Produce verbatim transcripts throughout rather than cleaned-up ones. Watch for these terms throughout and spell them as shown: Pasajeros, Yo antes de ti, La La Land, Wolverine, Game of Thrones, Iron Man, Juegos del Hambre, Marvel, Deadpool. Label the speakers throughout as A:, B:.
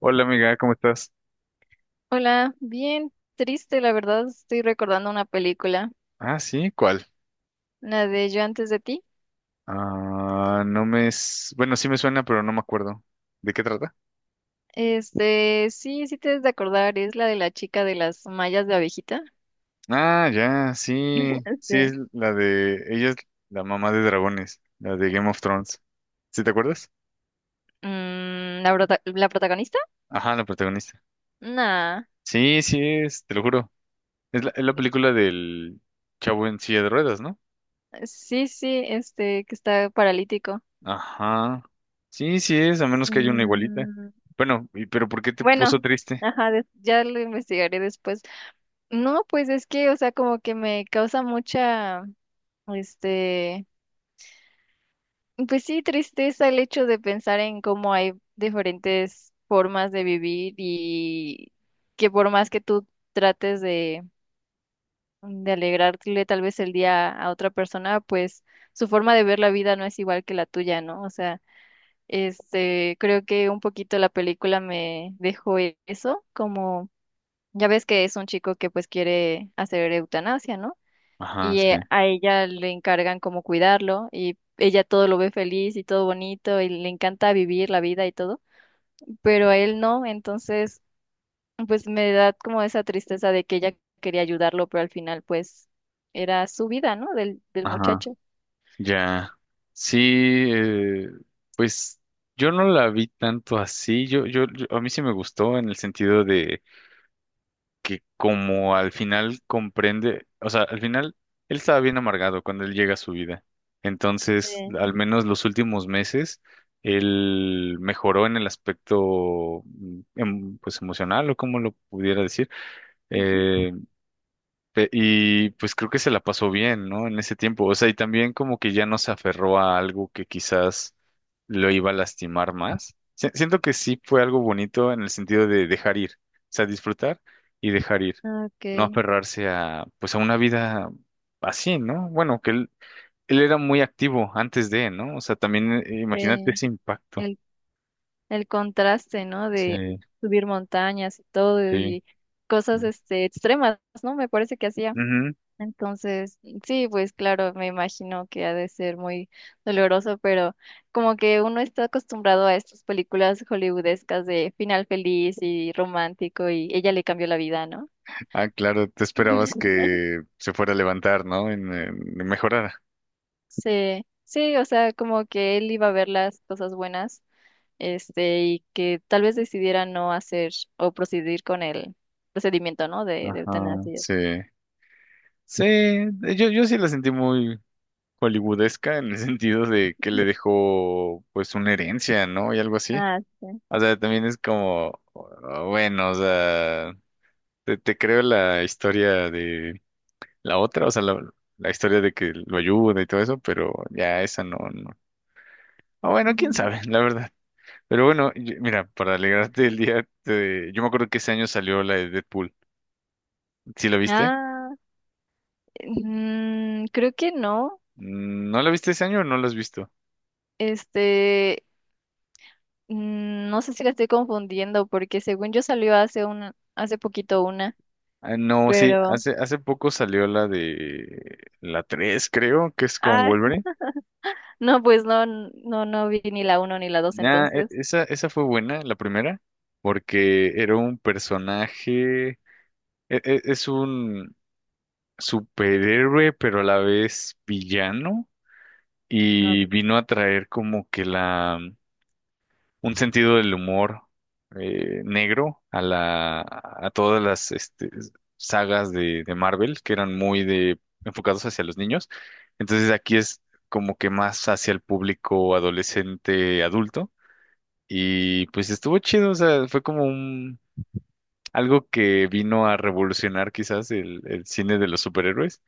A: Hola amiga, ¿cómo estás?
B: Hola, bien triste, la verdad, estoy recordando una película,
A: Ah, sí, ¿cuál?
B: la de Yo antes de ti.
A: Ah, no me, s- bueno, sí me suena, pero no me acuerdo. ¿De qué trata?
B: Este, sí, sí te debes de acordar, es la de la chica de las mallas de abejita.
A: Ah, ya, sí, sí
B: Este.
A: es la de, ella es la mamá de dragones, la de Game of Thrones. ¿Sí te acuerdas?
B: Mm, ¿la, prota- la protagonista?
A: Ajá, la protagonista.
B: Nah,
A: Sí, sí es, te lo juro. Es la, es la película del chavo en silla de ruedas, ¿no?
B: sí, sí, este, que está paralítico.
A: Ajá. Sí, sí es, a menos que haya una igualita.
B: Mm,
A: Bueno, y- pero ¿por qué te
B: bueno,
A: puso triste?
B: ajá, des- ya lo investigaré después. No, pues es que, o sea, como que me causa mucha, este... Pues sí, tristeza el hecho de pensar en cómo hay diferentes formas de vivir y que por más que tú trates de, de alegrarle tal vez el día a otra persona, pues su forma de ver la vida no es igual que la tuya, ¿no? O sea, este, creo que un poquito la película me dejó e- eso, como ya ves que es un chico que pues quiere hacer eutanasia, ¿no?
A: Ajá,
B: Y
A: sí.
B: eh, a ella le encargan como cuidarlo y ella todo lo ve feliz y todo bonito y le encanta vivir la vida y todo, pero a él no, entonces pues me da como esa tristeza de que ella quería ayudarlo, pero al final pues era su vida, ¿no? Del, del
A: Ajá.
B: muchacho.
A: Ya, sí, eh, pues yo no la vi tanto así, yo, yo, yo- a mí sí me gustó en el sentido de que como al final comprende, o sea, al final él estaba bien amargado cuando él llega a su vida, entonces
B: Sí.
A: al menos los últimos meses él mejoró en el aspecto, mm, em- pues emocional o como lo pudiera decir,
B: Ujú.
A: eh, Pe- Y pues creo que se la pasó bien, ¿no? En ese tiempo. O sea, y también como que ya no se aferró a algo que quizás lo iba a lastimar más. Si- siento que sí fue algo bonito en el sentido de dejar ir. O sea, disfrutar y dejar ir. No
B: Okay,
A: aferrarse a, pues a una vida así, ¿no? Bueno, que él, él era muy activo antes de, ¿no? O sea, también eh, imagínate
B: sí.
A: ese impacto.
B: El, el contraste, ¿no?
A: Sí,
B: De subir montañas y todo
A: sí.
B: y cosas este extremas, ¿no? Me parece que hacía.
A: Ujú.
B: Entonces, sí, pues claro, me imagino que ha de ser muy doloroso, pero como que uno está acostumbrado a estas películas hollywoodescas de final feliz y romántico y ella le cambió la vida, ¿no?
A: Ah, claro, te esperabas que se fuera a levantar, ¿no? En, en- mejorara.
B: Sí, sí, o sea, como que él iba a ver las cosas buenas, este, y que tal vez decidiera no hacer o proceder con el procedimiento, ¿no? De, de
A: Ajá,
B: eutanasia.
A: sí. Sí, yo, yo sí la sentí muy hollywoodesca en el sentido de que le dejó pues una herencia, ¿no? Y algo así.
B: Ah, sí.
A: O sea, también es como, uh, bueno, o sea, te, te creo la historia de la otra, o sea, la, la historia de que lo ayuda y todo eso, pero ya esa no, no. O bueno, quién
B: Ujú.
A: sabe, la verdad. Pero bueno, y- mira, para alegrarte el día, te- yo me acuerdo que ese año salió la de Deadpool. ¿Sí la viste?
B: Ah, mm, creo que no.
A: Mm, ¿No la viste ese año o no la has visto?
B: Este, Mm, No sé si la estoy confundiendo porque según yo salió hace una, hace poquito una,
A: Ah, no, sí,
B: pero
A: hace, hace poco salió la de la tres, creo, que es con
B: ah,
A: Wolverine.
B: no, pues no, n- no, no vi ni la uno ni la dos
A: Nah, e-
B: entonces.
A: esa, esa fue buena, la primera, porque era un personaje, e- e- es un superhéroe, pero a la vez villano,
B: No,
A: y vino a traer como que la un sentido del humor eh, negro a la a todas las este, sagas de, de Marvel que eran muy de enfocados hacia los niños. Entonces aquí es como que más hacia el público adolescente adulto y pues estuvo chido, o sea, fue como un algo que vino a revolucionar quizás el, el cine de los superhéroes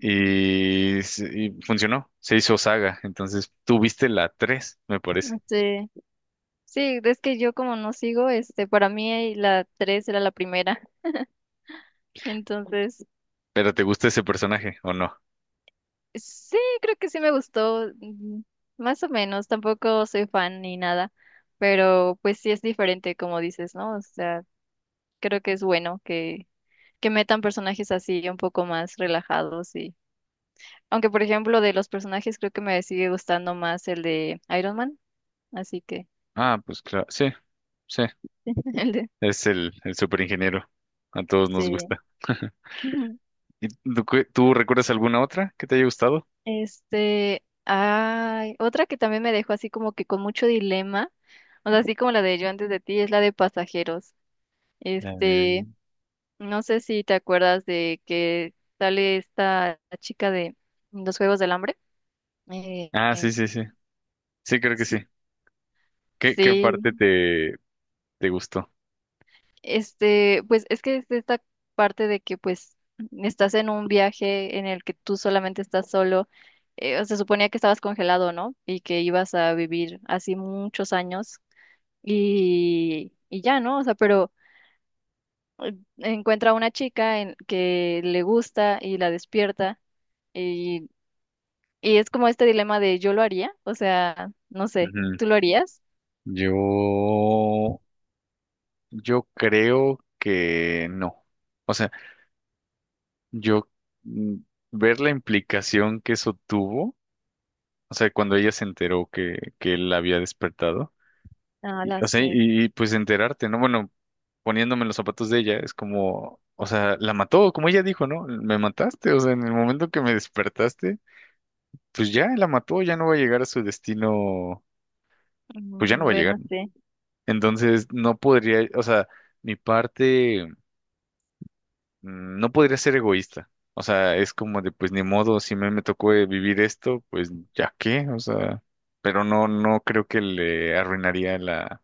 A: y, s- y funcionó, se hizo saga, entonces tú viste la tres me parece,
B: no sé. Sí, es que yo como no sigo, este, para mí la tres era la primera. Entonces,
A: pero ¿te gusta ese personaje o no?
B: sí, creo que sí me gustó, mm, más o menos, tampoco soy fan ni nada, pero pues sí es diferente como dices, ¿no? O sea, creo que es bueno que, que metan personajes así un poco más relajados y aunque por ejemplo de los personajes creo que me sigue gustando más el de Iron Man, así que
A: Ah, pues claro, sí, sí,
B: el de
A: es el, el superingeniero. A todos nos
B: sí.
A: gusta.
B: Ujú.
A: ¿Y tú, qué- tú recuerdas alguna otra que te haya gustado?
B: Este, ay, otra que también me dejó así como que con mucho dilema, o sea, así como la de Yo antes de ti es la de Pasajeros.
A: La de-
B: Este, no sé si te acuerdas de que sale esta chica de los Juegos del Hambre. Eh,
A: Ah,
B: em,
A: sí, sí, sí. Sí, creo que sí. ¿Qué, qué parte
B: sí.
A: te, te gustó?
B: Este, pues es que es esta parte de que pues estás en un viaje en el que tú solamente estás solo. Eh, se suponía que estabas congelado, ¿no? Y que ibas a vivir así muchos años y, y ya, ¿no? O sea, pero encuentra a una chica en, que le gusta y la despierta y, y es como este dilema de yo lo haría, o sea, no sé,
A: Ujú.
B: ¿tú lo harías?
A: Yo, yo creo que no. O sea, yo, mm, ver la implicación que eso tuvo, o sea, cuando ella se enteró que, que él la había despertado,
B: Ah,
A: y,
B: la
A: o sea, y,
B: sé.
A: y, pues enterarte, ¿no? Bueno, poniéndome en los zapatos de ella, es como, o sea, la mató, como ella dijo, ¿no? Me mataste, o sea, en el momento que me despertaste, pues ya la mató, ya no va a llegar a su destino, pues ya no
B: Mm,
A: va a llegar,
B: Bueno,
A: ¿no?
B: sí,
A: Entonces, no podría, o sea, mi parte, mm, no podría ser egoísta. O sea, es como de, pues ni modo, si me, me tocó eh, vivir esto, pues ya qué, o sea, pero no, no creo que le arruinaría la,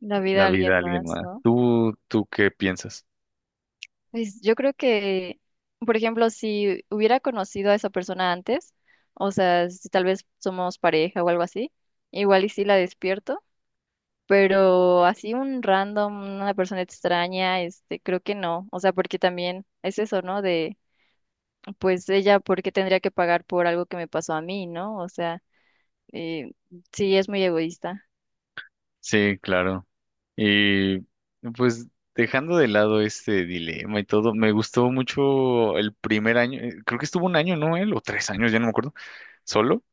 B: la vida
A: la
B: de
A: vida
B: alguien
A: a alguien
B: más,
A: más.
B: ¿no?
A: ¿Tú, tú qué piensas?
B: Pues yo creo que, por ejemplo, si hubiera conocido a esa persona antes, o sea, si tal vez somos pareja o algo así, igual y sí la despierto, pero así un random, una persona extraña, este, creo que no, o sea, porque también es eso, ¿no? De, pues ella, ¿por qué tendría que pagar por algo que me pasó a mí? ¿No? O sea, eh, sí, es muy egoísta.
A: Sí, claro. Y pues dejando de lado este dilema y todo, me gustó mucho el primer año, eh, creo que estuvo un año, ¿no? Él, o tres años, ya no me acuerdo, solo.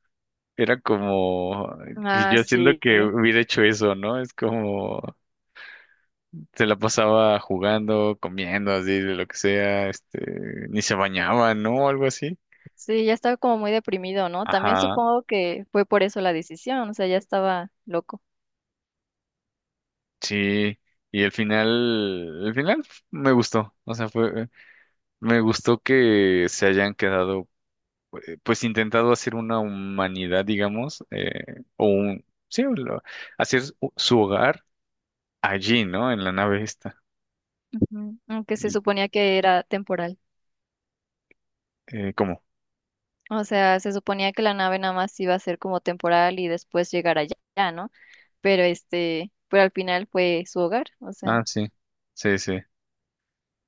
A: Era como, y
B: Ah,
A: yo siento
B: sí.
A: que hubiera hecho eso, ¿no? Es como, se la pasaba jugando, comiendo, así, de lo que sea, este, ni se bañaba, ¿no? Algo así.
B: Sí, ya estaba como muy deprimido, ¿no? También
A: Ajá,
B: supongo que fue por eso la decisión, o sea, ya estaba loco.
A: sí. Y el final, el final me gustó. O sea, fue, me gustó que se hayan quedado pues intentado hacer una humanidad, digamos, eh, o un, sí, o lo- hacer u- su hogar allí, ¿no? En la nave esta.
B: Ujú. Aunque se
A: ¿Y
B: suponía que era temporal.
A: eh, cómo?
B: O sea, se suponía que la nave nada más iba a ser como temporal y después llegar allá, ¿no? Pero este, pero al final fue su hogar. O sea,
A: Ah, sí, sí, sí.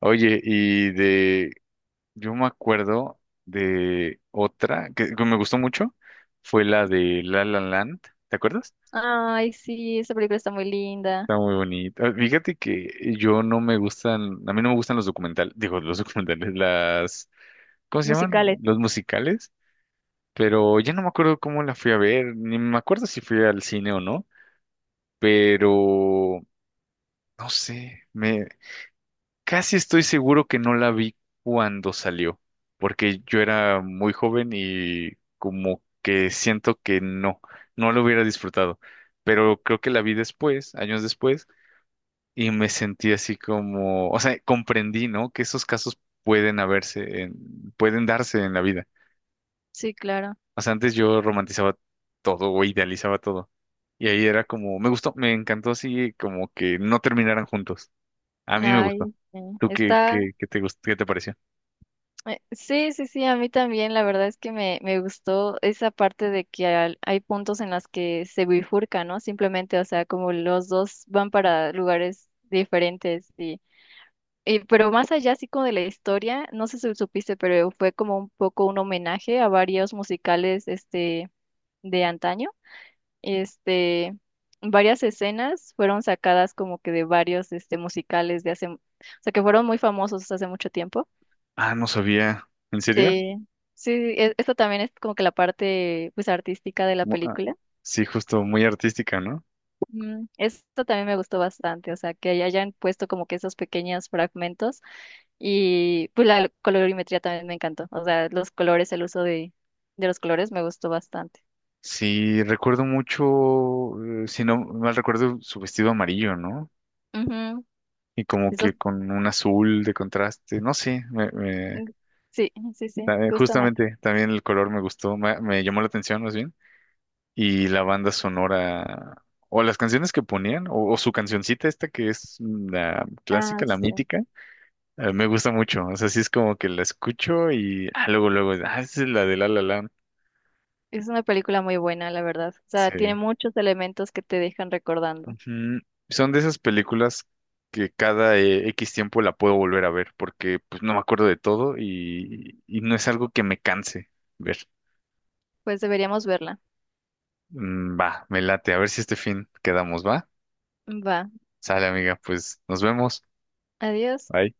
A: Oye, y de, yo me acuerdo de otra que, que me gustó mucho, fue la de La La Land, ¿te acuerdas?
B: ay, sí, esa película está muy linda.
A: Está muy bonita. Ah, fíjate que yo no me gustan, a mí no me gustan los documentales, digo, los documentales, las, ¿cómo se llaman?
B: Musicales.
A: Los musicales. Pero ya no me acuerdo cómo la fui a ver, ni me acuerdo si fui al cine o no, pero no sé, me casi estoy seguro que no la vi cuando salió, porque yo era muy joven y como que siento que no, no lo hubiera disfrutado, pero creo que la vi después, años después, y me sentí así como, o sea, comprendí, ¿no? Que esos casos pueden haberse, en- pueden darse en la vida.
B: Sí, claro.
A: O sea, antes yo romantizaba todo o idealizaba todo. Y ahí era como, me gustó, me encantó así como que no terminaran juntos. A mí me gustó.
B: Ay, sí,
A: ¿Tú qué,
B: está.
A: qué, qué te gustó, qué te pareció?
B: Eh, sí, sí, sí, a mí también. La verdad es que me, me gustó esa parte de que al- hay puntos en las que se bifurca, ¿no? Simplemente, o sea, como los dos van para lugares diferentes. Eh, pero más allá, así como de la historia, no sé si supiste, pero fue como un poco un homenaje a varios musicales este, de antaño. Este, varias escenas fueron sacadas como que de varios este, musicales de hace, o sea, que fueron muy famosos hace mucho tiempo.
A: Ah, no sabía. ¿En serio?
B: Sí, sí, e- esto también es como que la parte pues artística de la
A: Mu- ah,
B: película.
A: sí, justo, muy artística, ¿no?
B: Mm, esto también me gustó bastante, o sea, que hayan puesto como que esos pequeños fragmentos. Y pues la colorimetría también me encantó. O sea, los colores, el uso de, de los colores me gustó bastante.
A: Sí, recuerdo mucho, eh, si no mal recuerdo, su vestido amarillo, ¿no?
B: Ujú.
A: Y como
B: Eso,
A: que con un azul de contraste, no sé, me, me-
B: sí, sí, sí,
A: ta- eh,
B: justamente.
A: justamente también el color me gustó, me, me llamó la atención más bien. Y la banda sonora, o las canciones que ponían, o, o su cancioncita esta que es la
B: Ah,
A: clásica, la
B: sí.
A: mítica, eh, me gusta mucho. O sea, sí es como que la escucho y ah, luego, luego, ah, esa es la de La La Land.
B: Es una película muy buena, la verdad. O sea,
A: Sí.
B: tiene muchos elementos que te dejan recordando.
A: Ujú. Son de esas películas que cada eh, equis tiempo la puedo volver a ver porque pues no me acuerdo de todo y, y no es algo que me canse ver.
B: Pues deberíamos verla.
A: Mm, va, me late. A ver si este fin quedamos, ¿va?
B: Va.
A: Sale, amiga, pues nos vemos.
B: Adiós.
A: Bye.